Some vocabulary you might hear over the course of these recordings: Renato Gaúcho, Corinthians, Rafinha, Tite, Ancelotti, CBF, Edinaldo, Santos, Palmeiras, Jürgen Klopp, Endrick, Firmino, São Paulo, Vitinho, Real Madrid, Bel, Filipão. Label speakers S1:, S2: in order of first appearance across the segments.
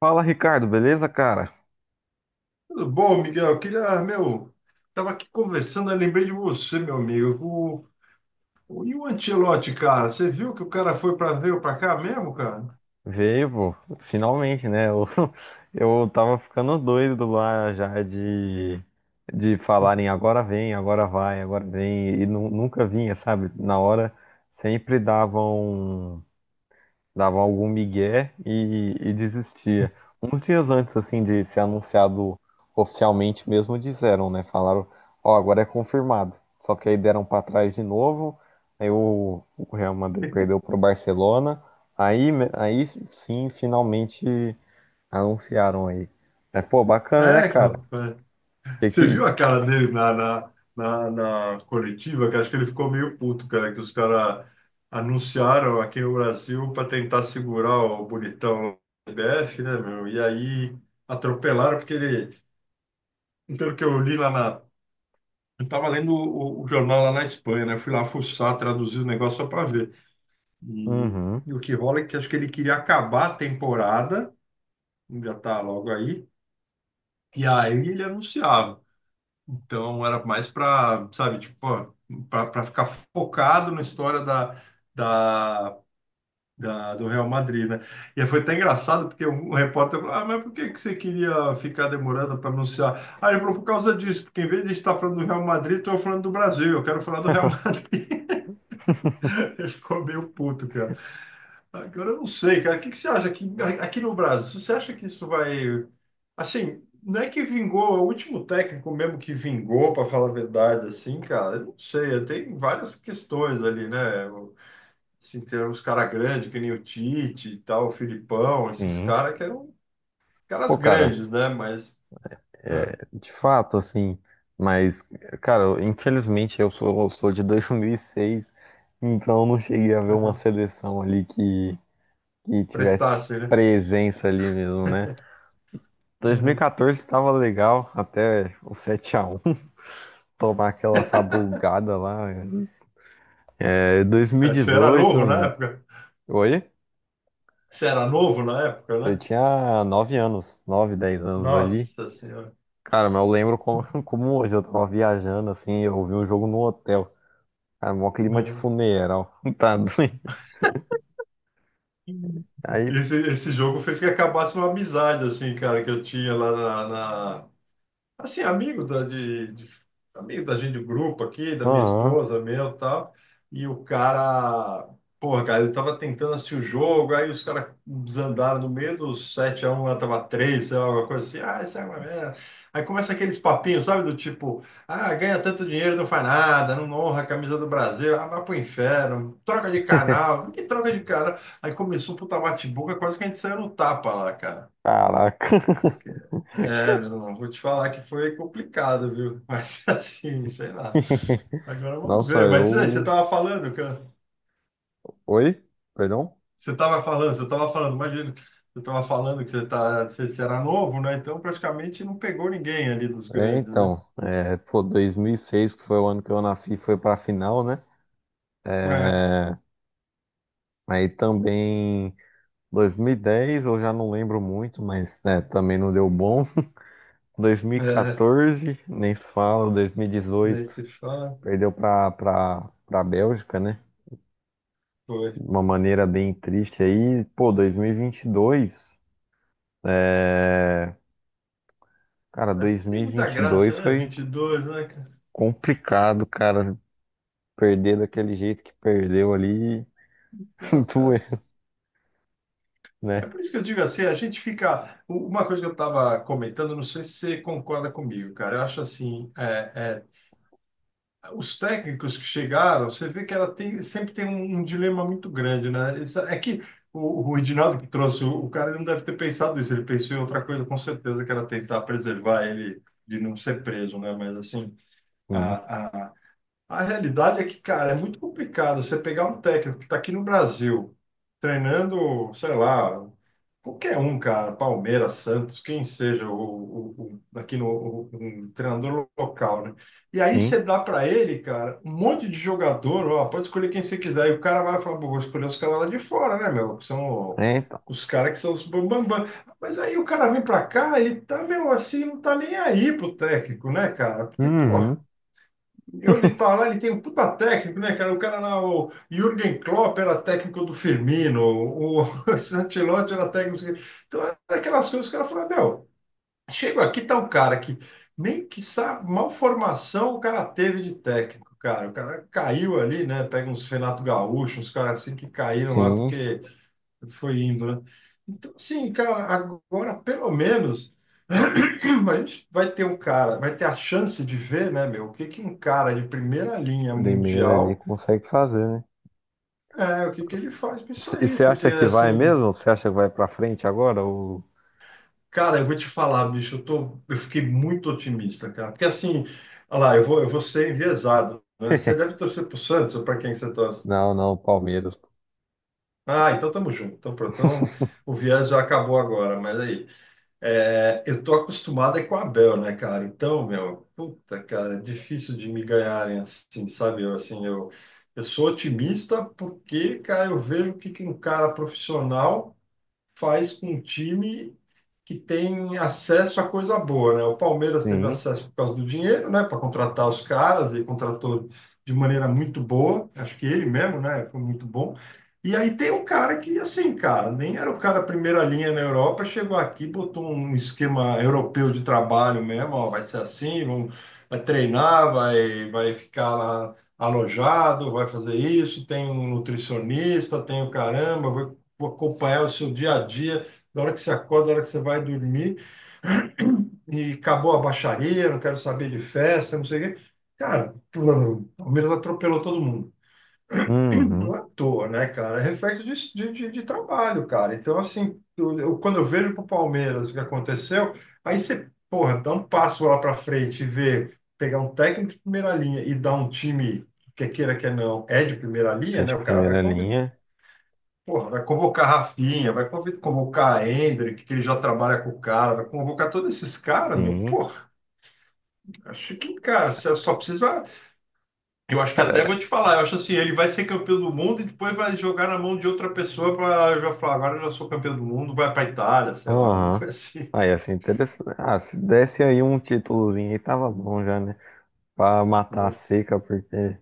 S1: Fala, Ricardo, beleza, cara?
S2: Tudo bom, Miguel? Queria, meu, tava aqui conversando, eu lembrei de você, meu amigo. E o Ancelotti, cara? Você viu que o cara foi para veio para cá mesmo, cara?
S1: Veio, pô, finalmente, né? Eu tava ficando doido lá já de falarem agora vem, agora vai, agora vem, e nunca vinha, sabe? Na hora sempre davam. Dava algum migué e desistia. Uns dias antes, assim, de ser anunciado oficialmente mesmo, disseram, né? Falaram, ó, agora é confirmado. Só que aí deram pra trás de novo, aí o Real Madrid perdeu pro Barcelona, aí, aí sim, finalmente anunciaram aí. Mas, pô, bacana, né,
S2: É,
S1: cara?
S2: rapaz. Você
S1: Que...
S2: viu a cara dele na coletiva, que acho que ele ficou meio puto, cara, que os caras anunciaram aqui no Brasil para tentar segurar o bonitão do CBF, né, meu? E aí atropelaram, porque ele. Pelo que eu li lá na Eu estava lendo o jornal lá na Espanha, né? Fui lá fuçar, traduzir o negócio só para ver. E,
S1: Uhum.
S2: e o que rola é que acho que ele queria acabar a temporada, já tá logo aí, e aí ele anunciava. Então era mais para, sabe, tipo, para ficar focado na história da, do Real Madrid, né? E aí foi até engraçado, porque um repórter falou: "Ah, mas por que que você queria ficar demorando para anunciar?" Ah, ele falou: "Por causa disso, porque em vez de estar falando do Real Madrid, estou falando do Brasil, eu quero falar do Real Madrid." Ele ficou meio puto, cara. Agora eu não sei, cara. O que que você acha aqui, aqui no Brasil? Você acha que isso vai. Assim, não é que vingou, é o último técnico mesmo que vingou, para falar a verdade, assim, cara. Eu não sei, tem várias questões ali, né? Assim, tem uns caras grandes, que nem o Tite e tal, o Filipão, esses
S1: Sim.
S2: caras que eram caras
S1: Pô, cara,
S2: grandes, né? Mas é,
S1: é, de fato, assim, mas, cara, infelizmente eu sou de 2006, então eu não cheguei a ver uma
S2: uhum,
S1: seleção ali que tivesse
S2: prestassem, né?
S1: presença ali mesmo, né?
S2: Uhum.
S1: 2014 estava legal, até o 7 a 1 tomar aquela sabugada lá. É,
S2: É, você era novo na
S1: 2018,
S2: época?
S1: oi?
S2: Você era novo na época,
S1: Eu
S2: né?
S1: tinha 9 anos, 9 10 anos ali.
S2: Nossa Senhora.
S1: Cara, mas eu lembro como, como hoje eu tava viajando, assim, eu vi um jogo no hotel. Cara, mó clima de
S2: Uhum.
S1: funeral. Tá doido. Aí,
S2: Esse jogo fez que acabasse uma amizade, assim, cara, que eu tinha lá na, assim, amigo da, de- amigo da gente do grupo aqui, da minha
S1: aham.
S2: esposa, meu e tal. E o cara, porra, cara, ele tava tentando assistir o jogo, aí os caras desandaram no meio dos 7-1 lá tava 3, sei lá, alguma coisa assim. Ah, isso é uma merda. Aí começa aqueles papinhos, sabe? Do tipo, ah, ganha tanto dinheiro, não faz nada, não honra a camisa do Brasil, ah, vai pro inferno, troca de canal, que troca de canal. Aí começou um puta bate-boca, quase que a gente saiu no tapa lá, cara.
S1: Caraca.
S2: É, meu irmão, vou te falar que foi complicado, viu? Mas assim, sei lá. Agora vamos
S1: Nossa,
S2: ver. Mas diz aí, você
S1: eu.
S2: estava falando, que
S1: Oi? Perdão?
S2: você estava falando, imagina, você estava falando que você, tá, você, você era novo, né? Então praticamente não pegou ninguém ali dos
S1: É,
S2: grandes, né?
S1: então, é, pô, 2006, que foi o ano que eu nasci, foi pra final, né?
S2: É,
S1: É, aí também, 2010, eu já não lembro muito, mas né, também não deu bom.
S2: é,
S1: 2014, nem se fala,
S2: daí
S1: 2018,
S2: você fala,
S1: perdeu pra Bélgica, né?
S2: foi.
S1: De uma maneira bem triste aí, pô, 2022, é... Cara,
S2: Ali tem muita
S1: 2022
S2: graça, né?
S1: foi
S2: 22, né, cara?
S1: complicado, cara, perder daquele jeito que perdeu ali,
S2: Não,
S1: doeu,
S2: cara. É
S1: né?
S2: por isso que eu digo assim, a gente fica. Uma coisa que eu estava comentando, não sei se você concorda comigo, cara. Eu acho assim, os técnicos que chegaram, você vê que ela tem, sempre tem um dilema muito grande, né? Isso, é que o Edinaldo que trouxe o cara ele não deve ter pensado isso, ele pensou em outra coisa, com certeza, que era tentar preservar ele de não ser preso, né? Mas assim, a, a- a realidade é que, cara, é muito complicado você pegar um técnico que está aqui no Brasil, treinando, sei lá, qualquer um, cara, Palmeiras, Santos, quem seja, o- o- aqui no o- um treinador local, né? E aí
S1: Enfim,
S2: você dá para ele, cara, um monte de jogador, ó, pode escolher quem você quiser. E o cara vai falar, pô, vou escolher os caras lá de fora, né, meu? Que são
S1: é, então,
S2: os caras que são os bambambam. Mas aí o cara vem para cá e tá, meu, assim, não tá nem aí pro técnico, né, cara? Porque, pô.
S1: uhum,
S2: Eu de tá lá, ele tem um puta técnico, né, cara? O cara lá, o Jürgen Klopp era técnico do Firmino, o esse Ancelotti era técnico. Não sei o quê. Então, era aquelas coisas que o cara falou, meu, chega aqui, tá um cara que nem que sabe, mal formação o cara teve de técnico, cara. O cara caiu ali, né? Pega uns Renato Gaúcho, uns caras assim que caíram lá
S1: sim,
S2: porque foi indo, né? Então, assim, cara, agora pelo menos a gente vai ter um cara, vai ter a chance de ver, né, meu, o que que um cara de primeira linha
S1: primeiro ali
S2: mundial,
S1: consegue fazer, né?
S2: é, o que que ele faz com isso
S1: E
S2: aí,
S1: você
S2: porque
S1: acha que vai
S2: assim,
S1: mesmo? Você acha que vai pra frente agora? Ou...
S2: cara, eu vou te falar, bicho, eu tô, eu fiquei muito otimista, cara, porque assim, olha lá, eu vou ser enviesado, né? Você deve torcer pro Santos ou pra quem que você torce?
S1: Não, não, Palmeiras.
S2: Ah, então tamo junto, então pronto, então o viés já acabou agora, mas aí. É, eu tô acostumado é com a Bel, né, cara? Então, meu, puta, cara, é difícil de me ganharem assim, sabe? Eu, assim, eu sou otimista porque, cara, eu vejo o que que um cara profissional faz com um time que tem acesso a coisa boa, né? O Palmeiras teve
S1: Sim.
S2: acesso por causa do dinheiro, né? Para contratar os caras, ele contratou de maneira muito boa, acho que ele mesmo, né? Foi muito bom. E aí tem um cara que, assim, cara, nem era o cara primeira linha na Europa, chegou aqui, botou um esquema europeu de trabalho mesmo, ó, vai ser assim, vamos, vai treinar, vai, vai ficar lá alojado, vai fazer isso, tem um nutricionista, tem o caramba, vai acompanhar o seu dia a dia, da hora que você acorda, da hora que você vai dormir, e acabou a baixaria, não quero saber de festa, não sei o quê. Cara, o Palmeiras atropelou todo mundo.
S1: Uhum.
S2: Não é à toa, né, cara? É reflexo de, de trabalho, cara. Então, assim, quando eu vejo pro Palmeiras o que aconteceu, aí você, porra, dá um passo lá para frente e vê, pegar um técnico de primeira linha e dar um time, que queira que não, é de primeira
S1: É
S2: linha, né?
S1: de
S2: O cara vai
S1: primeira
S2: convidar.
S1: linha.
S2: Porra, vai convocar Rafinha, vai convocar Endrick, que ele já trabalha com o cara, vai convocar todos esses caras, meu.
S1: Sim.
S2: Porra, acho que, cara, você só precisa. Eu acho que até vou
S1: Cara,
S2: te falar, eu acho assim, ele vai ser campeão do mundo e depois vai jogar na mão de outra pessoa para já falar, agora eu já sou campeão do mundo, vai para Itália, sei lá, alguma
S1: aham.
S2: coisa assim.
S1: Aí, assim, interessante. Ah, se desse aí um títulozinho aí, tava bom já, né? Pra matar a seca, porque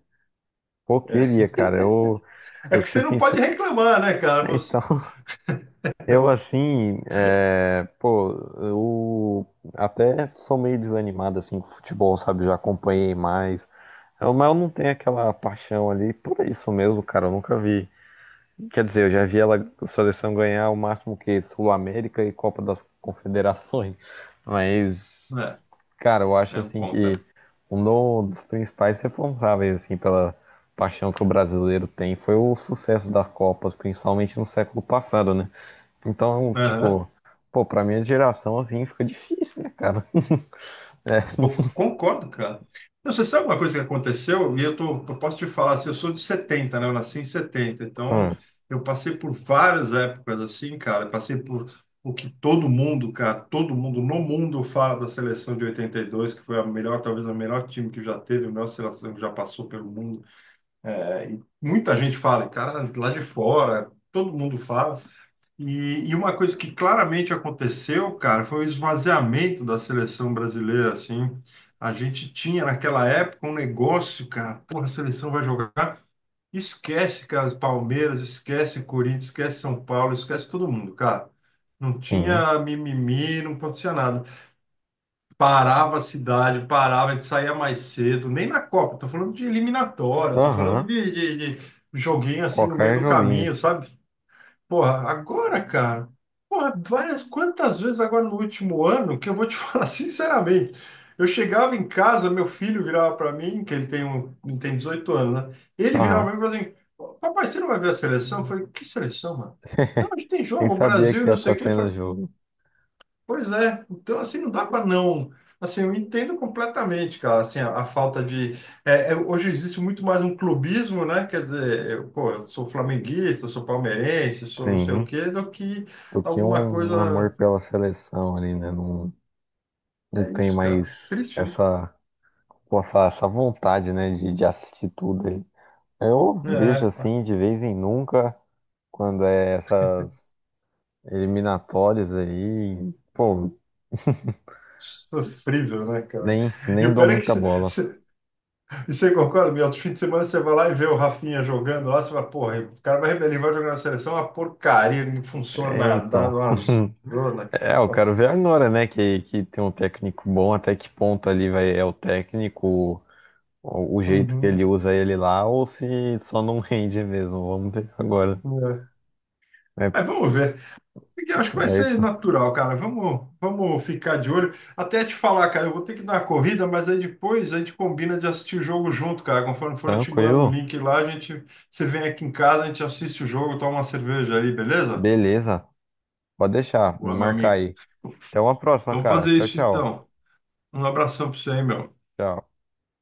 S1: pô,
S2: É,
S1: queria, cara.
S2: é
S1: Eu
S2: que
S1: pra ser
S2: você não pode
S1: sincero.
S2: reclamar, né, cara? Você...
S1: Então, eu assim, é, pô, eu até sou meio desanimado assim com futebol, sabe? Já acompanhei mais. Mas eu não tenho aquela paixão ali por isso mesmo, cara. Eu nunca vi. Quer dizer, eu já vi ela, a seleção ganhar o máximo que Sul-América e Copa das Confederações. Mas.
S2: É,
S1: Cara, eu acho
S2: é, não
S1: assim
S2: conta,
S1: que
S2: né?
S1: um dos principais responsáveis assim pela paixão que o brasileiro tem foi o sucesso das Copas, principalmente no século passado, né? Então,
S2: Aham.
S1: tipo, pô, pra minha geração assim fica difícil, né, cara? É.
S2: Eu concordo, cara. Não, você sabe uma coisa que aconteceu? E eu, tô, eu posso te falar assim, eu sou de 70, né? Eu nasci em 70. Então,
S1: Hum,
S2: eu passei por várias épocas assim, cara. Eu passei por o que todo mundo, cara, todo mundo no mundo fala da seleção de 82, que foi a melhor, talvez o melhor time que já teve, a melhor seleção que já passou pelo mundo. É, e muita gente fala, e, cara, lá de fora, todo mundo fala. E uma coisa que claramente aconteceu, cara, foi o esvaziamento da seleção brasileira, assim. A gente tinha naquela época um negócio, cara, porra, a seleção vai jogar. Esquece, cara, Palmeiras, esquece Corinthians, esquece São Paulo, esquece todo mundo, cara. Não
S1: sim.
S2: tinha mimimi, não acontecia nada. Parava a cidade, parava, a gente saía mais cedo, nem na Copa, tô falando de eliminatória, tô falando
S1: Aham.
S2: de, de joguinho assim no meio
S1: Qualquer
S2: do
S1: joguinho.
S2: caminho, sabe? Porra, agora, cara, porra, várias, quantas vezes agora no último ano que eu vou te falar sinceramente, eu chegava em casa, meu filho virava para mim, que ele tem 18 anos, né? Ele virava
S1: Aham.
S2: para mim e falava assim, papai, você não vai ver a seleção? Eu falei, que seleção, mano? Não, a gente tem
S1: Nem
S2: jogo,
S1: sabia
S2: Brasil,
S1: que ia
S2: não sei
S1: estar
S2: o quê.
S1: tendo jogo.
S2: Pois é, então assim não dá para não. Assim, eu entendo completamente, cara, assim, a falta de. Hoje existe muito mais um clubismo, né? Quer dizer, eu, pô, eu sou flamenguista, sou palmeirense, sou não sei o
S1: Sim.
S2: quê, do que
S1: Do que
S2: alguma
S1: um amor
S2: coisa.
S1: pela seleção ali, né? Não, não
S2: É
S1: tem
S2: isso, cara.
S1: mais
S2: Triste, né?
S1: essa, posso falar, essa vontade, né, de assistir tudo aí. Eu vejo
S2: É,
S1: assim de vez em nunca, quando é essas eliminatórias aí, pô,
S2: sofrível, né, cara? E
S1: nem
S2: o
S1: dou
S2: pior é que
S1: muita
S2: você
S1: bola.
S2: você concorda, meu, outro fim de semana você vai lá e vê o Rafinha jogando lá, você fala, porra, o cara vai, ele vai jogar na seleção, é uma porcaria, não funciona
S1: É,
S2: nada, dá
S1: então.
S2: uma zona.
S1: É, eu quero ver agora, né? Que tem um técnico bom, até que ponto ali vai, é o técnico, o jeito que
S2: Uhum,
S1: ele usa ele lá, ou se só não rende mesmo. Vamos ver agora.
S2: é.
S1: É,
S2: Mas vamos ver. Porque eu
S1: tá
S2: acho que vai ser
S1: certo.
S2: natural, cara. Vamos, vamos ficar de olho. Até te falar, cara, eu vou ter que dar uma corrida, mas aí depois a gente combina de assistir o jogo junto, cara. Conforme for, eu te mando o
S1: Tranquilo?
S2: link lá, a gente, você vem aqui em casa, a gente assiste o jogo, toma uma cerveja aí, beleza?
S1: Beleza. Pode deixar, vou
S2: Boa, meu
S1: marcar
S2: amigo.
S1: aí. Até uma próxima,
S2: Então
S1: cara.
S2: fazer
S1: Tchau,
S2: isso
S1: tchau.
S2: então. Um abração pra você aí, meu.
S1: Tchau.